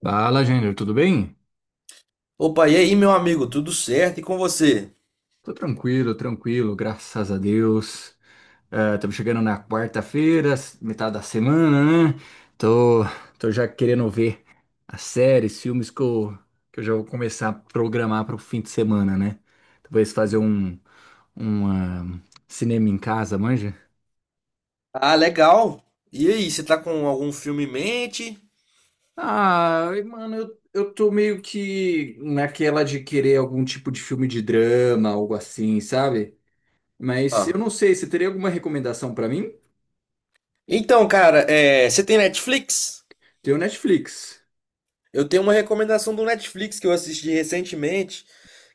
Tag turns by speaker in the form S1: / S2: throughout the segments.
S1: Fala, Júnior, tudo bem?
S2: Opa, e aí, meu amigo, tudo certo? E com você?
S1: Tô tranquilo, tranquilo, graças a Deus. Estamos chegando na quarta-feira, metade da semana, né? Tô, tô já querendo ver as séries, filmes que eu já vou começar a programar para o fim de semana, né? Talvez fazer um cinema em casa, manja?
S2: Ah, legal. E aí, você tá com algum filme em mente?
S1: Ah, e, mano, eu tô meio que naquela de querer algum tipo de filme de drama, algo assim, sabe? Mas eu
S2: Ah.
S1: não sei, você teria alguma recomendação para mim?
S2: Então, cara, você tem Netflix?
S1: Tem o Netflix.
S2: Eu tenho uma recomendação do Netflix que eu assisti recentemente,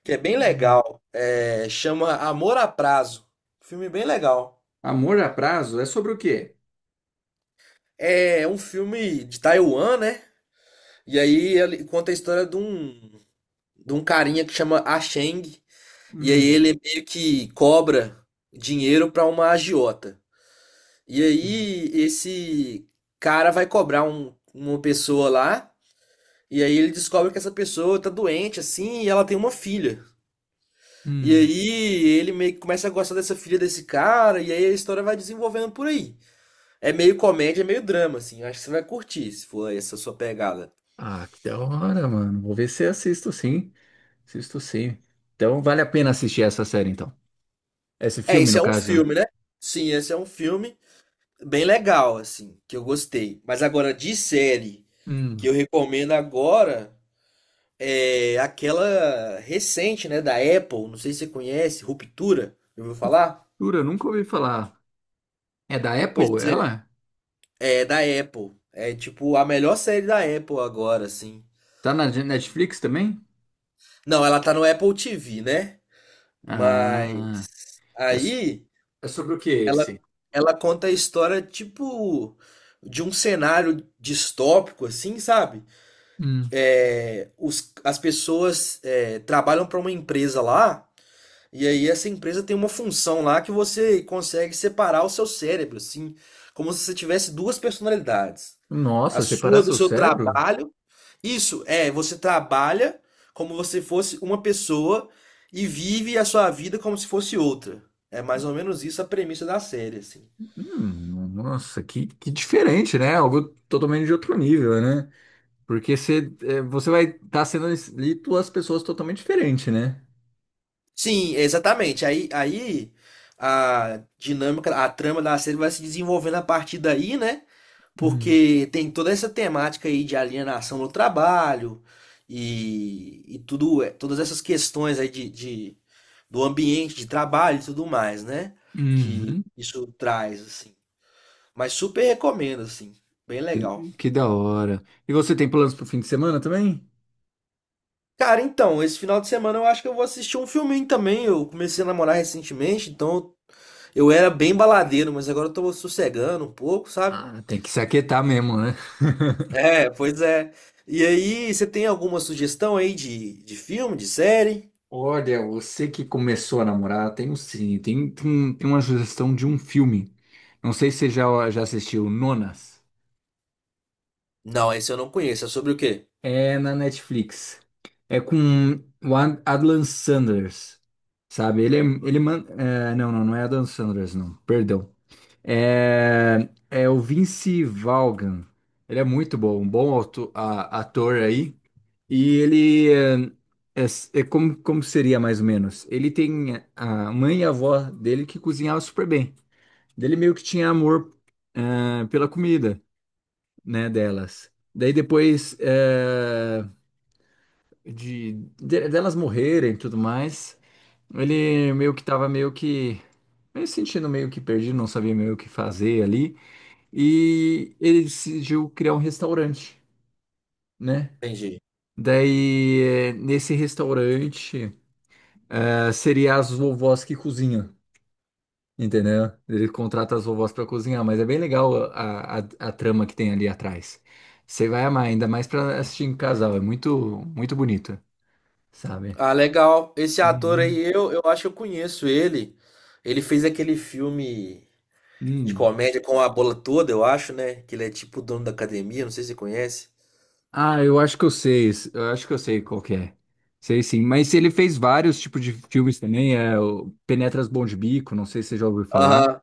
S2: que é bem
S1: Hum.
S2: legal. É, chama Amor a Prazo. Filme bem legal.
S1: Amor a Prazo é sobre o quê?
S2: É um filme de Taiwan, né? E aí ele conta a história de um carinha que chama Ah Cheng. E aí
S1: Hum,
S2: ele meio que cobra dinheiro pra uma agiota. E
S1: hum.
S2: aí esse cara vai cobrar uma pessoa lá, e aí ele descobre que essa pessoa tá doente assim, e ela tem uma filha. E
S1: Hum.
S2: aí ele meio que começa a gostar dessa filha desse cara, e aí a história vai desenvolvendo por aí. É meio comédia, é meio drama assim. Eu acho que você vai curtir, se for essa sua pegada.
S1: Ah, que da hora, mano. Vou ver se assisto sim. Assisto sim. Então vale a pena assistir essa série, então. Esse
S2: É,
S1: filme,
S2: esse
S1: no
S2: é um
S1: caso.
S2: filme, né? Sim, esse é um filme bem legal assim, que eu gostei. Mas agora de série que eu
S1: Hum.
S2: recomendo agora, é, aquela recente, né, da Apple, não sei se você conhece, Ruptura, já ouviu falar?
S1: Jura, nunca ouvi falar. É da
S2: Pois
S1: Apple,
S2: é,
S1: ela?
S2: é da Apple. É tipo a melhor série da Apple agora, assim.
S1: Tá na Netflix também?
S2: Não, ela tá no Apple TV, né?
S1: Ah,
S2: Mas
S1: é, so-
S2: aí
S1: é sobre o que
S2: ela
S1: esse?
S2: ela conta a história tipo de um cenário distópico, assim, sabe?
S1: Hum.
S2: É, as pessoas trabalham para uma empresa lá. E aí essa empresa tem uma função lá que você consegue separar o seu cérebro, assim, como se você tivesse duas personalidades. A
S1: Nossa, separar
S2: sua do
S1: seu
S2: seu
S1: cérebro?
S2: trabalho. Isso, é, você trabalha como você fosse uma pessoa e vive a sua vida como se fosse outra. É mais ou menos isso a premissa da série, assim.
S1: Nossa, que diferente, né? Algo totalmente de outro nível, né? Porque você, é, você vai estar sendo ali duas pessoas totalmente diferentes, né?
S2: Sim, exatamente. Aí a dinâmica, a trama da série vai se desenvolvendo a partir daí, né?
S1: Hum.
S2: Porque tem toda essa temática aí de alienação no trabalho e tudo, todas essas questões aí do ambiente de trabalho e tudo mais, né? Que
S1: Uhum.
S2: isso traz, assim. Mas super recomendo, assim. Bem
S1: Que,
S2: legal.
S1: que da hora. E você tem planos pro fim de semana também?
S2: Cara, então, esse final de semana eu acho que eu vou assistir um filminho também. Eu comecei a namorar recentemente, então eu era bem baladeiro, mas agora eu tô sossegando um pouco, sabe?
S1: Ah, tem que se aquietar mesmo, né?
S2: É, pois é. E aí, você tem alguma sugestão aí de filme, de série?
S1: Olha, você que começou a namorar, tem um sim, tem uma sugestão de um filme. Não sei se você já assistiu Nonas.
S2: Não, esse eu não conheço. É sobre o quê?
S1: É na Netflix. É com o Adlan Sanders, sabe? Ele é, ele man, é, não, não, não é Adlan Sanders, não. Perdão. É, é o Vince Vaughan. Ele é muito bom, um bom ator aí. E ele é- é como seria mais ou menos? Ele tem a mãe e a avó dele que cozinhavam super bem. Dele meio que tinha amor pela comida, né, delas. Daí depois delas morrerem e tudo mais. Ele meio que tava meio que meio se sentindo meio que perdido, não sabia meio o que fazer ali, e ele decidiu criar um restaurante, né?
S2: Entendi.
S1: Daí, nesse restaurante, seria as vovós que cozinham, entendeu? Ele contrata as vovós para cozinhar, mas é bem legal a trama que tem ali atrás. Você vai amar, ainda mais para assistir em casal, é muito, muito bonito, sabe?
S2: Ah, legal. Esse ator
S1: Uhum.
S2: aí, eu acho que eu conheço ele. Ele fez aquele filme de
S1: Hum.
S2: comédia com a bola toda, eu acho, né? Que ele é tipo o dono da academia, não sei se você conhece.
S1: Ah, eu acho que eu sei, eu acho que eu sei qual que é. Sei sim, mas ele fez vários tipos de filmes também, é o Penetras Bom de Bico, não sei se você já ouviu falar.
S2: Aham.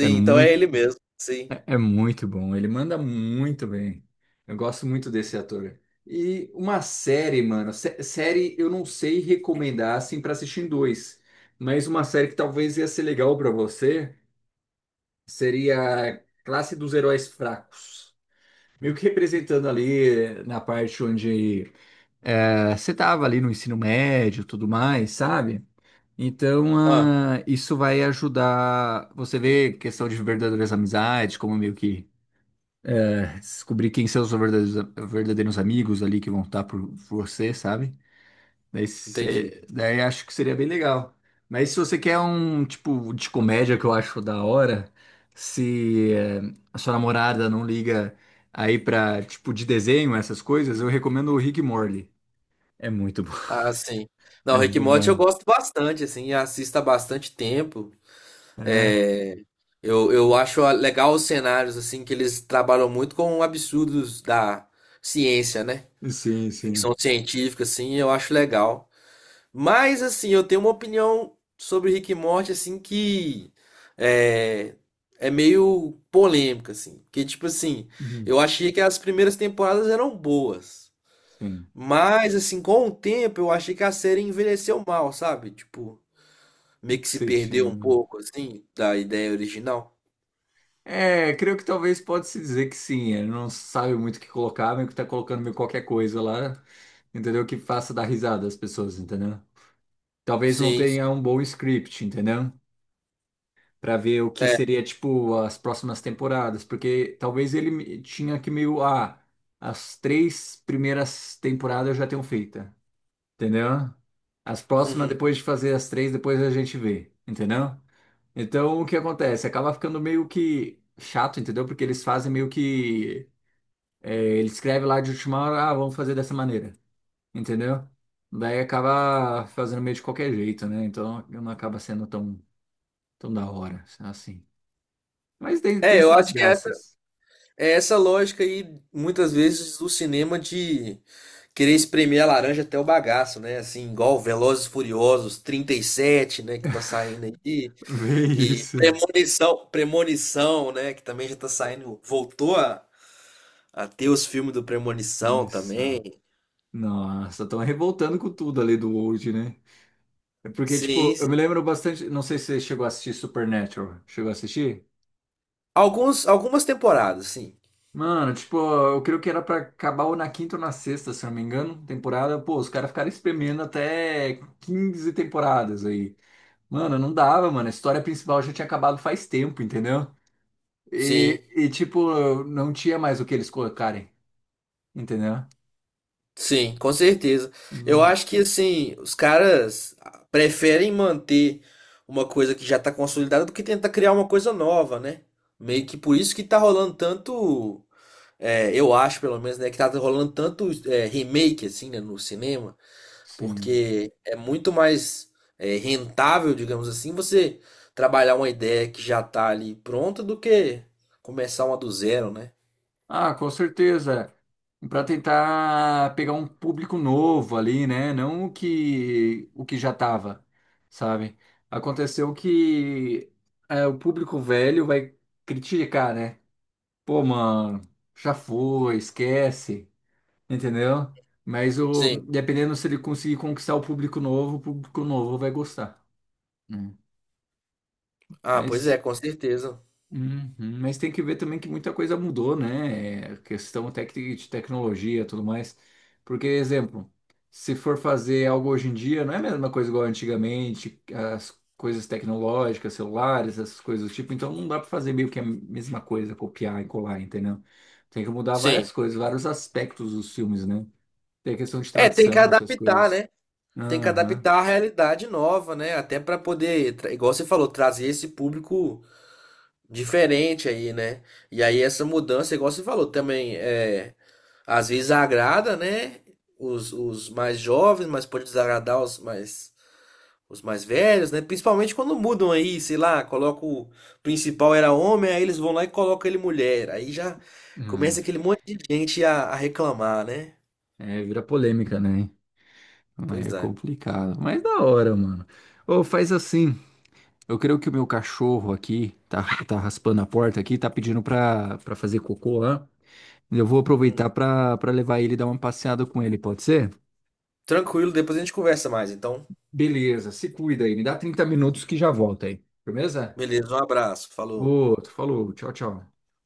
S1: É
S2: então é
S1: muito,
S2: ele mesmo. Sim.
S1: é muito bom, ele manda muito bem. Eu gosto muito desse ator. E uma série, mano, série eu não sei recomendar assim pra assistir em dois, mas uma série que talvez ia ser legal pra você seria Classe dos Heróis Fracos. Meio que representando ali na parte onde você tava ali no ensino médio, tudo mais, sabe? Então,
S2: Ah,
S1: isso vai ajudar você ver questão de verdadeiras amizades, como meio que descobrir quem são os verdadeiros, verdadeiros amigos ali que vão estar por você, sabe? Daí,
S2: entendi.
S1: daí acho que seria bem legal. Mas se você quer um tipo de comédia que eu acho da hora, se a sua namorada não liga aí pra tipo de desenho, essas coisas, eu recomendo o Rick e Morty. É muito bom.
S2: Ah, sim. Não,
S1: É
S2: Rick e Morty eu
S1: genial.
S2: gosto bastante, assim, assisto há bastante tempo.
S1: É,
S2: É, eu acho legal os cenários, assim, que eles trabalham muito com absurdos da ciência, né?
S1: sim, sim.
S2: Ficção científica, assim, eu acho legal. Mas, assim, eu tenho uma opinião sobre Rick e Morty, assim, que é, é meio polêmica, assim. Porque, tipo assim,
S1: Uhum.
S2: eu achei que as primeiras temporadas eram boas.
S1: Sim,
S2: Mas, assim, com o tempo, eu achei que a série envelheceu mal, sabe? Tipo, meio que
S1: que
S2: se
S1: você tinha,
S2: perdeu um
S1: né?
S2: pouco, assim, da ideia original.
S1: É, creio que talvez pode se dizer que sim. Ele não sabe muito o que colocar, meio que tá colocando meio qualquer coisa lá, entendeu? Que faça dar risada às pessoas, entendeu? Talvez não
S2: Sim, sim.
S1: tenha um bom script, entendeu? Pra ver o que
S2: É,
S1: seria, tipo, as próximas temporadas, porque talvez ele tinha que meio, as três primeiras temporadas eu já tenho feita, entendeu? As próximas,
S2: uhum.
S1: depois de fazer as três, depois a gente vê, entendeu? Então, o que acontece? Acaba ficando meio que chato, entendeu? Porque eles fazem meio que. É, ele escreve lá de última hora, vamos fazer dessa maneira, entendeu? Daí acaba fazendo meio de qualquer jeito, né? Então não acaba sendo tão, tão da hora, assim. Mas tem
S2: É, eu
S1: suas
S2: acho que
S1: graças.
S2: é essa lógica aí, muitas vezes, do cinema de querer espremer a laranja até o bagaço, né? Assim, igual Velozes e Furiosos 37, né? Que tá saindo aí.
S1: Vê
S2: E
S1: isso.
S2: Premonição, Premonição, né? Que também já tá saindo. Voltou a ter os filmes do Premonição
S1: Isso.
S2: também.
S1: Nossa, estão revoltando com tudo ali do Old, né? É porque,
S2: Sim,
S1: tipo, eu me
S2: sim.
S1: lembro bastante. Não sei se você chegou a assistir Supernatural. Chegou a assistir?
S2: Alguns, algumas temporadas, sim.
S1: Mano, tipo, eu creio que era pra acabar ou na quinta ou na sexta, se eu não me engano, temporada. Pô, os caras ficaram espremendo até 15 temporadas aí. Mano, não dava, mano. A história principal já tinha acabado faz tempo, entendeu? E,
S2: Sim,
S1: e tipo, não tinha mais o que eles colocarem, entendeu?
S2: sim, com certeza. Eu
S1: Hum.
S2: acho que, assim, os caras preferem manter uma coisa que já tá consolidada do que tentar criar uma coisa nova, né? Meio que por isso que tá rolando tanto. É, eu acho, pelo menos, né, que tá rolando tanto é, remake, assim, né, no cinema,
S1: Sim.
S2: porque é muito mais é, rentável, digamos assim, você trabalhar uma ideia que já tá ali pronta do que começar uma do zero, né?
S1: Ah, com certeza. Para tentar pegar um público novo ali, né? Não o que já tava, sabe? Aconteceu que o público velho vai criticar, né? Pô, mano, já foi, esquece, entendeu? Mas o
S2: Sim.
S1: dependendo se ele conseguir conquistar o público novo vai gostar. Hum.
S2: Ah, pois é,
S1: Mas.
S2: com certeza.
S1: Uhum. Mas tem que ver também que muita coisa mudou, né? Questão de tecnologia e tudo mais. Porque, exemplo, se for fazer algo hoje em dia, não é a mesma coisa igual antigamente, as coisas tecnológicas, celulares, essas coisas do tipo. Então não dá para fazer meio que a mesma coisa, copiar e colar, entendeu? Tem que mudar
S2: Sim.
S1: várias coisas, vários aspectos dos filmes, né? Tem a questão de
S2: É, tem que
S1: tradução, essas
S2: adaptar,
S1: coisas.
S2: né? Tem que
S1: Aham.
S2: adaptar à realidade nova, né? Até para poder, igual você falou, trazer esse público diferente aí, né? E aí essa mudança, igual você falou, também é. Às vezes agrada, né? Os mais jovens, mas pode desagradar os mais velhos, né? Principalmente quando mudam aí, sei lá, coloca o principal era homem, aí eles vão lá e colocam ele mulher. Aí já
S1: Hum.
S2: começa aquele monte de gente a reclamar, né?
S1: É, vira polêmica, né? É
S2: Pois é.
S1: complicado. Mas da hora, mano. Ou faz assim. Eu creio que o meu cachorro aqui tá raspando a porta aqui, tá pedindo pra fazer cocô lá. Eu vou
S2: Hum.
S1: aproveitar pra levar ele e dar uma passeada com ele, pode ser?
S2: Tranquilo, depois a gente conversa mais. Então,
S1: Beleza, se cuida aí. Me dá 30 minutos que já volta aí. Firmeza?
S2: beleza, um abraço, falou.
S1: Outro, falou, tchau, tchau.